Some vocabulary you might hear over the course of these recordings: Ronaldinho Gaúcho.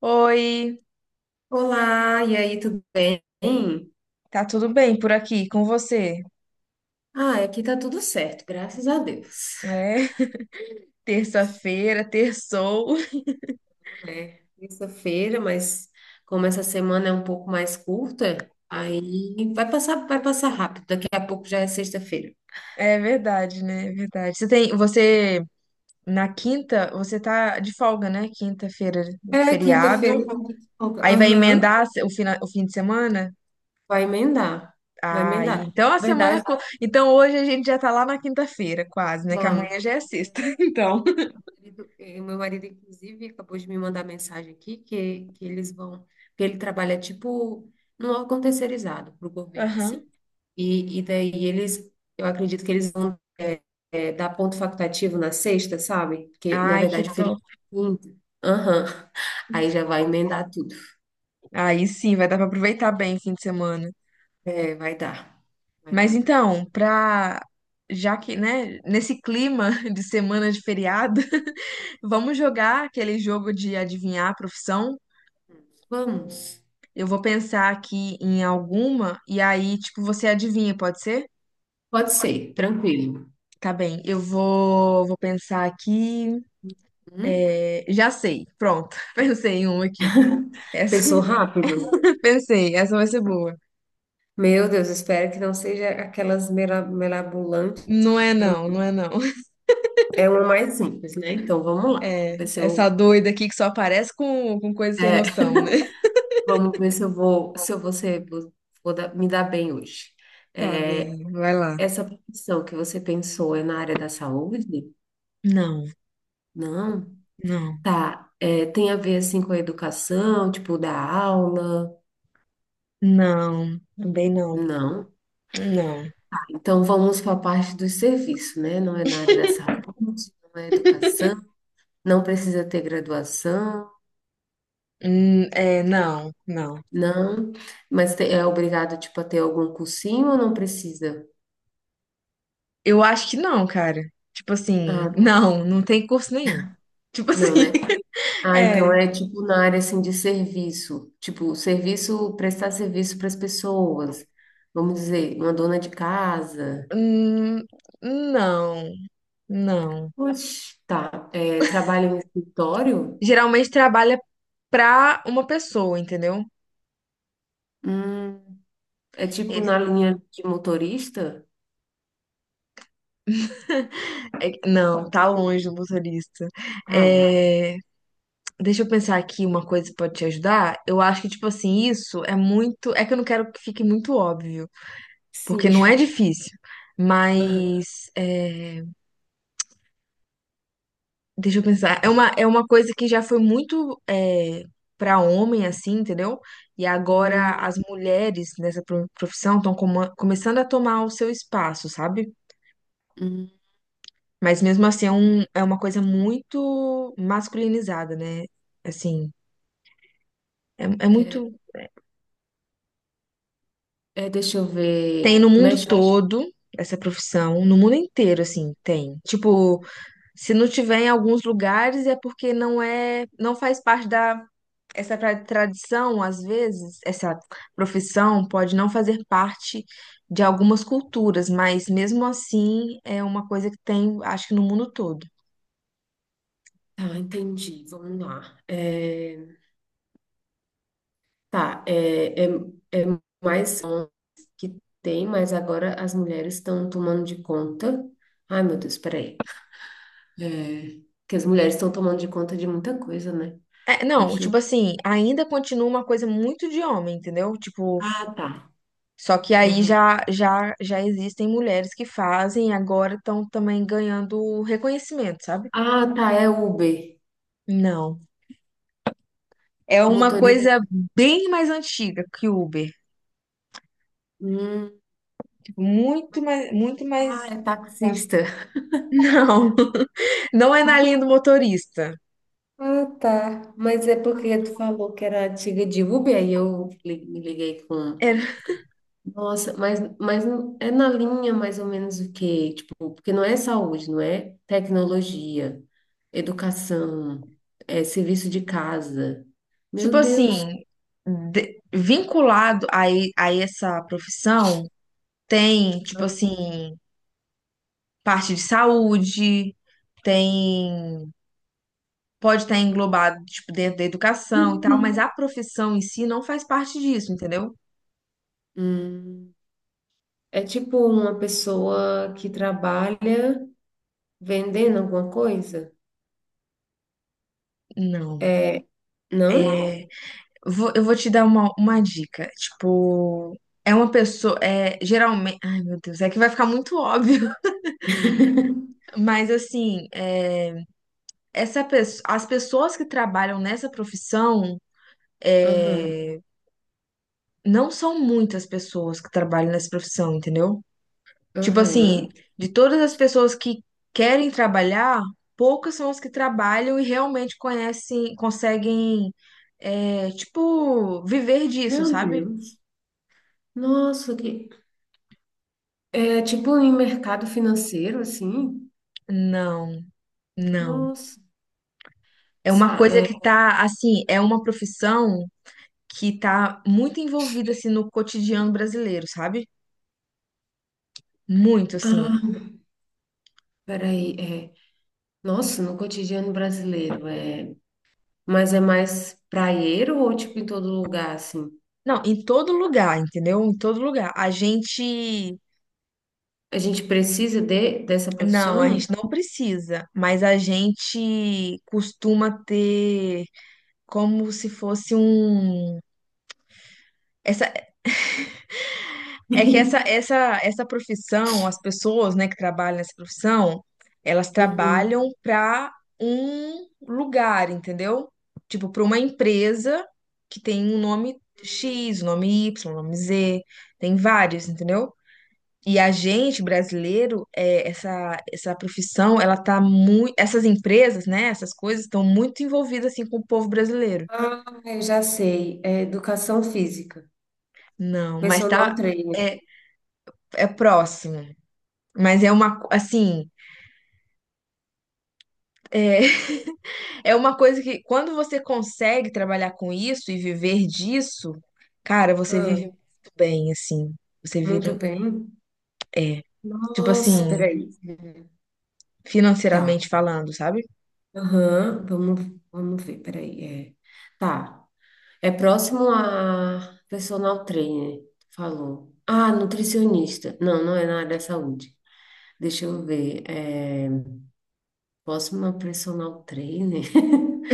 Oi, Olá, e aí, tudo bem? tá tudo bem por aqui com você? Ah, aqui tá tudo certo, graças a Deus. É, terça-feira, terçou. É terça-feira, mas como essa semana é um pouco mais curta, aí vai passar rápido. Daqui a pouco já é sexta-feira. É verdade, né? É verdade. Você na quinta, você tá de folga, né? Quinta-feira, É, quinta-feira. feriado. Eu tenho que folga. Aí vai Aham, emendar o fim de semana? vai emendar, vai Ah, e emendar. então Na verdade, então hoje a gente já tá lá na quinta-feira, quase, né? Que já. amanhã já é sexta. Então, Meu marido, inclusive, acabou de me mandar mensagem aqui que eles vão, que ele trabalha tipo num órgão terceirizado para o governo, aham. assim. E daí eles, eu acredito que eles vão dar ponto facultativo na sexta, sabe? Porque, na Ai, que verdade, o top. feriado é quinta. Aham. Aí já vai emendar tudo. Aí sim, vai dar pra aproveitar bem o fim de semana. É, vai dar. Vai Mas dar. então, pra. Já que, né, nesse clima de semana de feriado, vamos jogar aquele jogo de adivinhar a profissão. Vamos. Eu vou pensar aqui em alguma e aí, tipo, você adivinha, pode ser? Pode ser, tranquilo. Tá bem, eu vou pensar aqui. Hum? É, já sei, pronto. Pensei em uma aqui. Essa, Pensou rápido? pensei, essa vai ser boa. Meu Deus, espero que não seja aquelas melabulantes. Não é não, não é não. É uma mais simples, né? Então vamos lá. Vamos É, ver se essa eu, doida aqui que só aparece com coisa sem é, noção, né? vamos ver se eu vou, se eu vou, ser, vou, me dar bem hoje. Tá É, bem, vai lá. essa profissão que você pensou é na área da saúde? Não, Não. não. Tá. É, tem a ver assim com a educação, tipo da aula? Não, também não. Não. Não. Então vamos para a parte do serviço, né? Não é na área da saúde, não é educação, não precisa ter graduação, É, não, não. não. Mas é obrigado tipo a ter algum cursinho ou não precisa? Eu acho que não, cara. Tipo assim, Ah, não, não tem curso nenhum. Tipo assim, não, né? Ah, então é. é tipo na área assim de serviço, tipo serviço, prestar serviço para as pessoas. Vamos dizer, uma dona de casa. Hum, não, não. Oxe, tá. É, trabalha em escritório? Geralmente trabalha pra uma pessoa, entendeu? Hum, é tipo na Ele, linha de motorista? Não, tá longe do motorista. Ah, É, deixa eu pensar aqui uma coisa que pode te ajudar. Eu acho que, tipo assim, isso é muito. É que eu não quero que fique muito óbvio. Porque não é sim. difícil. Aham. Mas, é, deixa eu pensar, é uma coisa que já foi muito para homem, assim, entendeu? E agora Hum, as mulheres nessa profissão estão começando a tomar o seu espaço, sabe? hum, Mas mesmo assim é, tá. um, é uma coisa muito masculinizada, né? Assim, é É, muito. é, deixa eu Tem ver. no mundo Mexe. todo essa profissão, no mundo inteiro, assim, tem. Tipo, se não tiver em alguns lugares é porque não é, não faz parte da essa tradição, às vezes, essa profissão pode não fazer parte de algumas culturas, mas mesmo assim é uma coisa que tem, acho que no mundo todo. Tá, entendi. Vamos lá. É. Tá, é mais homens que tem, mas agora as mulheres estão tomando de conta. Ai, meu Deus, peraí. É, que as mulheres estão tomando de conta de muita coisa, né? É, não, Deixa tipo eu. assim, ainda continua uma coisa muito de homem, entendeu? Tipo, Ah, tá. só que aí Aham. já existem mulheres que fazem e agora estão também ganhando reconhecimento, sabe? Ah, tá, é Uber. Não. É uma coisa Motorista. bem mais antiga que o Uber. Hum. Tipo, muito mais, muito Ah, mais. é taxista. Não. Não é na linha do motorista. Ah, tá. Mas é porque tu falou que era antiga de Uber, aí me liguei com É, nossa, mas, é na linha mais ou menos o quê? Tipo, porque não é saúde, não é tecnologia, educação, é serviço de casa. tipo Meu Deus. assim, vinculado a essa profissão, tem, tipo assim, parte de saúde, tem, pode estar englobado, tipo, dentro da educação e tal, mas a profissão em si não faz parte disso, entendeu? Hum, é tipo uma pessoa que trabalha vendendo alguma coisa? Não. É, não? É, eu vou te dar uma dica. Tipo, é uma pessoa, é, geralmente, ai meu Deus, é que vai ficar muito óbvio, mas assim, é. Essa as pessoas que trabalham nessa profissão Aham, é, não são muitas pessoas que trabalham nessa profissão, entendeu? Tipo assim, aham. de todas as pessoas que querem trabalhar, poucas são as que trabalham e realmente conhecem, conseguem, é, tipo, viver disso, Meu sabe? Deus. Nossa, que... É tipo em mercado financeiro, assim? Não, não. Nossa. É uma Sa- coisa que é- tá, assim, é uma profissão que tá muito envolvida, assim, no cotidiano brasileiro, sabe? Muito, assim. Ah, peraí. É. Nossa, no cotidiano brasileiro, é... mas é mais praieiro ou tipo em todo lugar, assim? Não, em todo lugar, entendeu? Em todo lugar. A gente. A gente precisa dessa Não, a profissão? gente não precisa, mas a gente costuma ter como se fosse um. Essa, é que essa, essa, essa profissão, as pessoas, né, que trabalham nessa profissão, elas Uhum. trabalham para um lugar, entendeu? Tipo, para uma empresa que tem um nome X, um nome Y, um nome Z, tem vários, entendeu? E a gente, brasileiro, é, essa profissão, ela tá muito. Essas empresas, né? Essas coisas estão muito envolvidas assim com o povo brasileiro. Ah, eu já sei. É educação física, Não, mas personal tá. trainer. É, é próximo. Mas é uma. Assim. É, é uma coisa que, quando você consegue trabalhar com isso e viver disso, cara, você Ah, vive muito bem, assim. Você muito vira. bem. Tipo Nossa, assim, peraí. Tá. financeiramente falando, sabe? Aham, vamos, vamos ver, peraí. É. Tá. É próximo a personal trainer, falou. Ah, nutricionista. Não, não é na área da saúde. Deixa eu ver. É, posso uma personal trainer?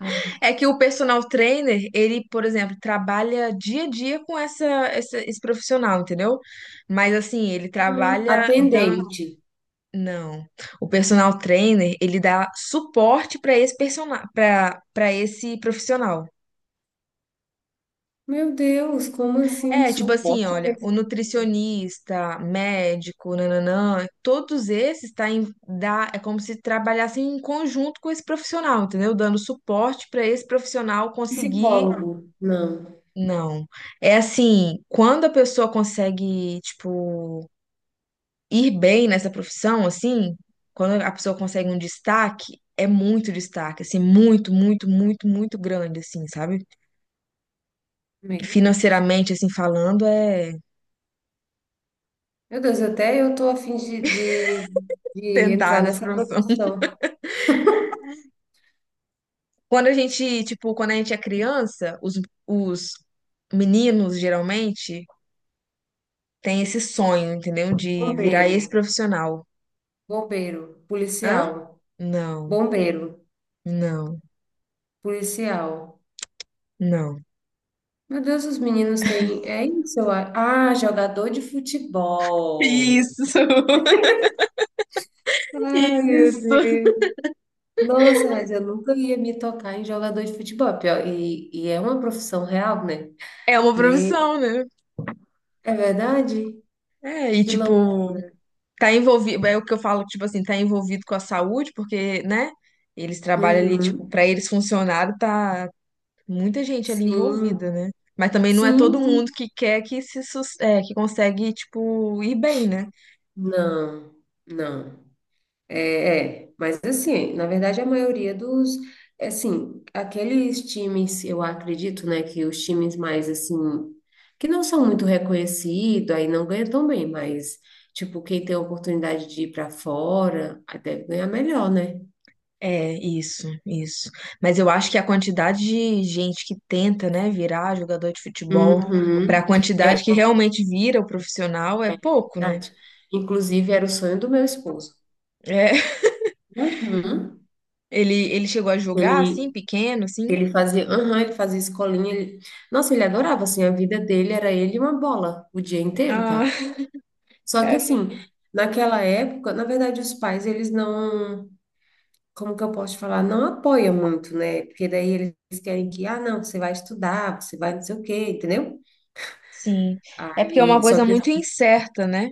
Ah, É que o personal trainer, ele, por exemplo, trabalha dia a dia com esse profissional, entendeu? Mas assim, ele trabalha dando. atendente. Não. O personal trainer, ele dá suporte para esse persona... para esse profissional. Meu Deus, como assim? É, tipo assim, Suporte olha, o pessoal. nutricionista, médico, nananã, todos esses tá em, dá, é como se trabalhassem em conjunto com esse profissional, entendeu? Dando suporte para esse profissional conseguir. Psicólogo. Não. Não. É assim, quando a pessoa consegue, tipo, ir bem nessa profissão, assim, quando a pessoa consegue um destaque, é muito destaque, assim, muito, muito, muito, muito grande, assim, sabe? Meu Deus, gente. Financeiramente, assim, falando, é Meu Deus, até eu tô afim de tentar entrar nessa nessa profissão. profissão. Quando a gente, tipo, quando a gente é criança, os meninos, geralmente, têm esse sonho, entendeu? De virar Bombeiro, esse profissional. bombeiro, Hã? policial, Não, bombeiro, não, policial. não. Meu Deus, os meninos têm. É isso, eu acho. Ah, jogador de futebol. Isso. Ai, meu Isso. Deus. Nossa, mas eu nunca ia me tocar em jogador de futebol, pior, e é uma profissão real, né? É uma Me- profissão, né? é verdade? É, e Que louco. tipo, tá envolvido, é o que eu falo, tipo assim, tá envolvido com a saúde, porque, né? Eles trabalham ali, tipo, Uhum. pra eles funcionarem, tá muita gente ali envolvida, Sim, né? Mas também não é sim, todo mundo sim. que quer que se é, que consegue, tipo, ir bem, né? Não, não. Mas assim, na verdade a maioria dos, é assim, aqueles times, eu acredito, né, que os times mais, assim, que não são muito reconhecidos, aí não ganham tão bem, mas, tipo, quem tem a oportunidade de ir para fora, aí deve ganhar melhor, né? É, isso, isso. Mas eu acho que a quantidade de gente que tenta, né, virar jogador de futebol, pra Uhum. quantidade É que realmente vira o profissional, é pouco, né? verdade. Inclusive, era o sonho do meu esposo. É. Uhum. Ele chegou a jogar Ele, assim, pequeno, assim? ele fazia, uhum, ele fazia escolinha. Nossa, ele adorava, assim, a vida dele era ele e uma bola o dia inteiro, Ah, tá? Só que, cara. assim, naquela época, na verdade, os pais, eles não, como que eu posso te falar, não apoiam muito, né? Porque daí eles querem que, ah, não, você vai estudar, você vai não sei o quê, entendeu? Sim. É porque é uma Aí, coisa só que muito incerta, né?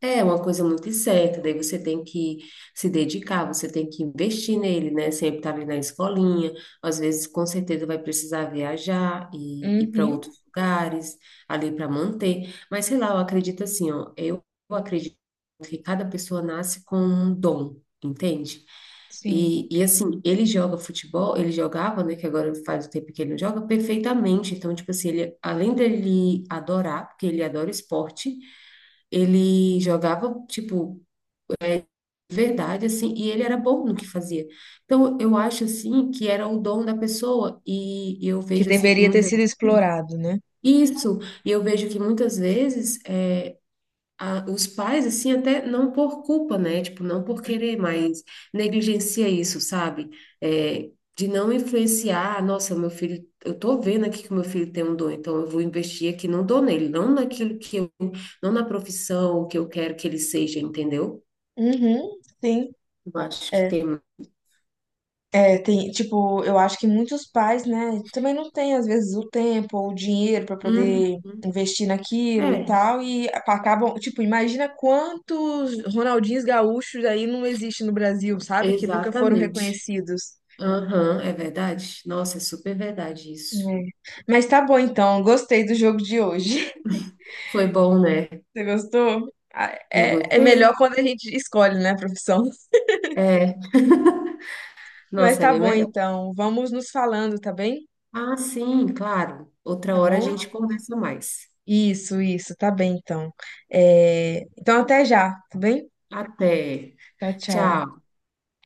é uma coisa muito incerta, daí você tem que se dedicar, você tem que investir nele, né? Sempre estar ali na escolinha, às vezes com certeza vai precisar viajar e ir para Uhum, outros lugares, ali para manter. Mas sei lá, eu acredito assim, ó, eu acredito que cada pessoa nasce com um dom, entende? sim. E assim, ele joga futebol, ele jogava, né? Que agora faz o tempo que ele não joga, perfeitamente. Então, tipo assim, ele, além dele adorar, porque ele adora esporte. Ele jogava, tipo, verdade, assim, e ele era bom no que fazia. Então, eu acho, assim, que era o dom da pessoa, e eu Que vejo, assim, que deveria ter muitas... sido explorado, né? Isso, e eu vejo que muitas vezes é, os pais, assim, até não por culpa, né? Tipo, não por querer, mas negligencia isso, sabe? É, de não influenciar, "Ah, nossa, meu filho, eu tô vendo aqui que o meu filho tem um dom, então eu vou investir aqui no dom nele, não naquilo que eu, não na profissão que eu quero que ele seja, entendeu? Uhum, sim. Eu acho que É, tem. é, tem, tipo, eu acho que muitos pais, né, também não têm, às vezes, o tempo ou o dinheiro para Uhum. poder investir naquilo e É, tal, e acabam, tipo, imagina quantos Ronaldinhos gaúchos aí não existem no Brasil, sabe? Que nunca foram exatamente. reconhecidos. Aham, é verdade. Nossa, é super verdade isso. É. Mas tá bom então, gostei do jogo de hoje. Foi bom, né? Você gostou? Ah, Eu é, é gostei. melhor quando a gente escolhe, né, a profissão. É, Mas nossa, é tá bem bom melhor. então, vamos nos falando, tá bem? Ah, sim, claro. Outra Tá hora a bom? gente conversa mais. Isso, tá bem então. É, então até já, tá bem? Até. Tchau, tchau. Tchau.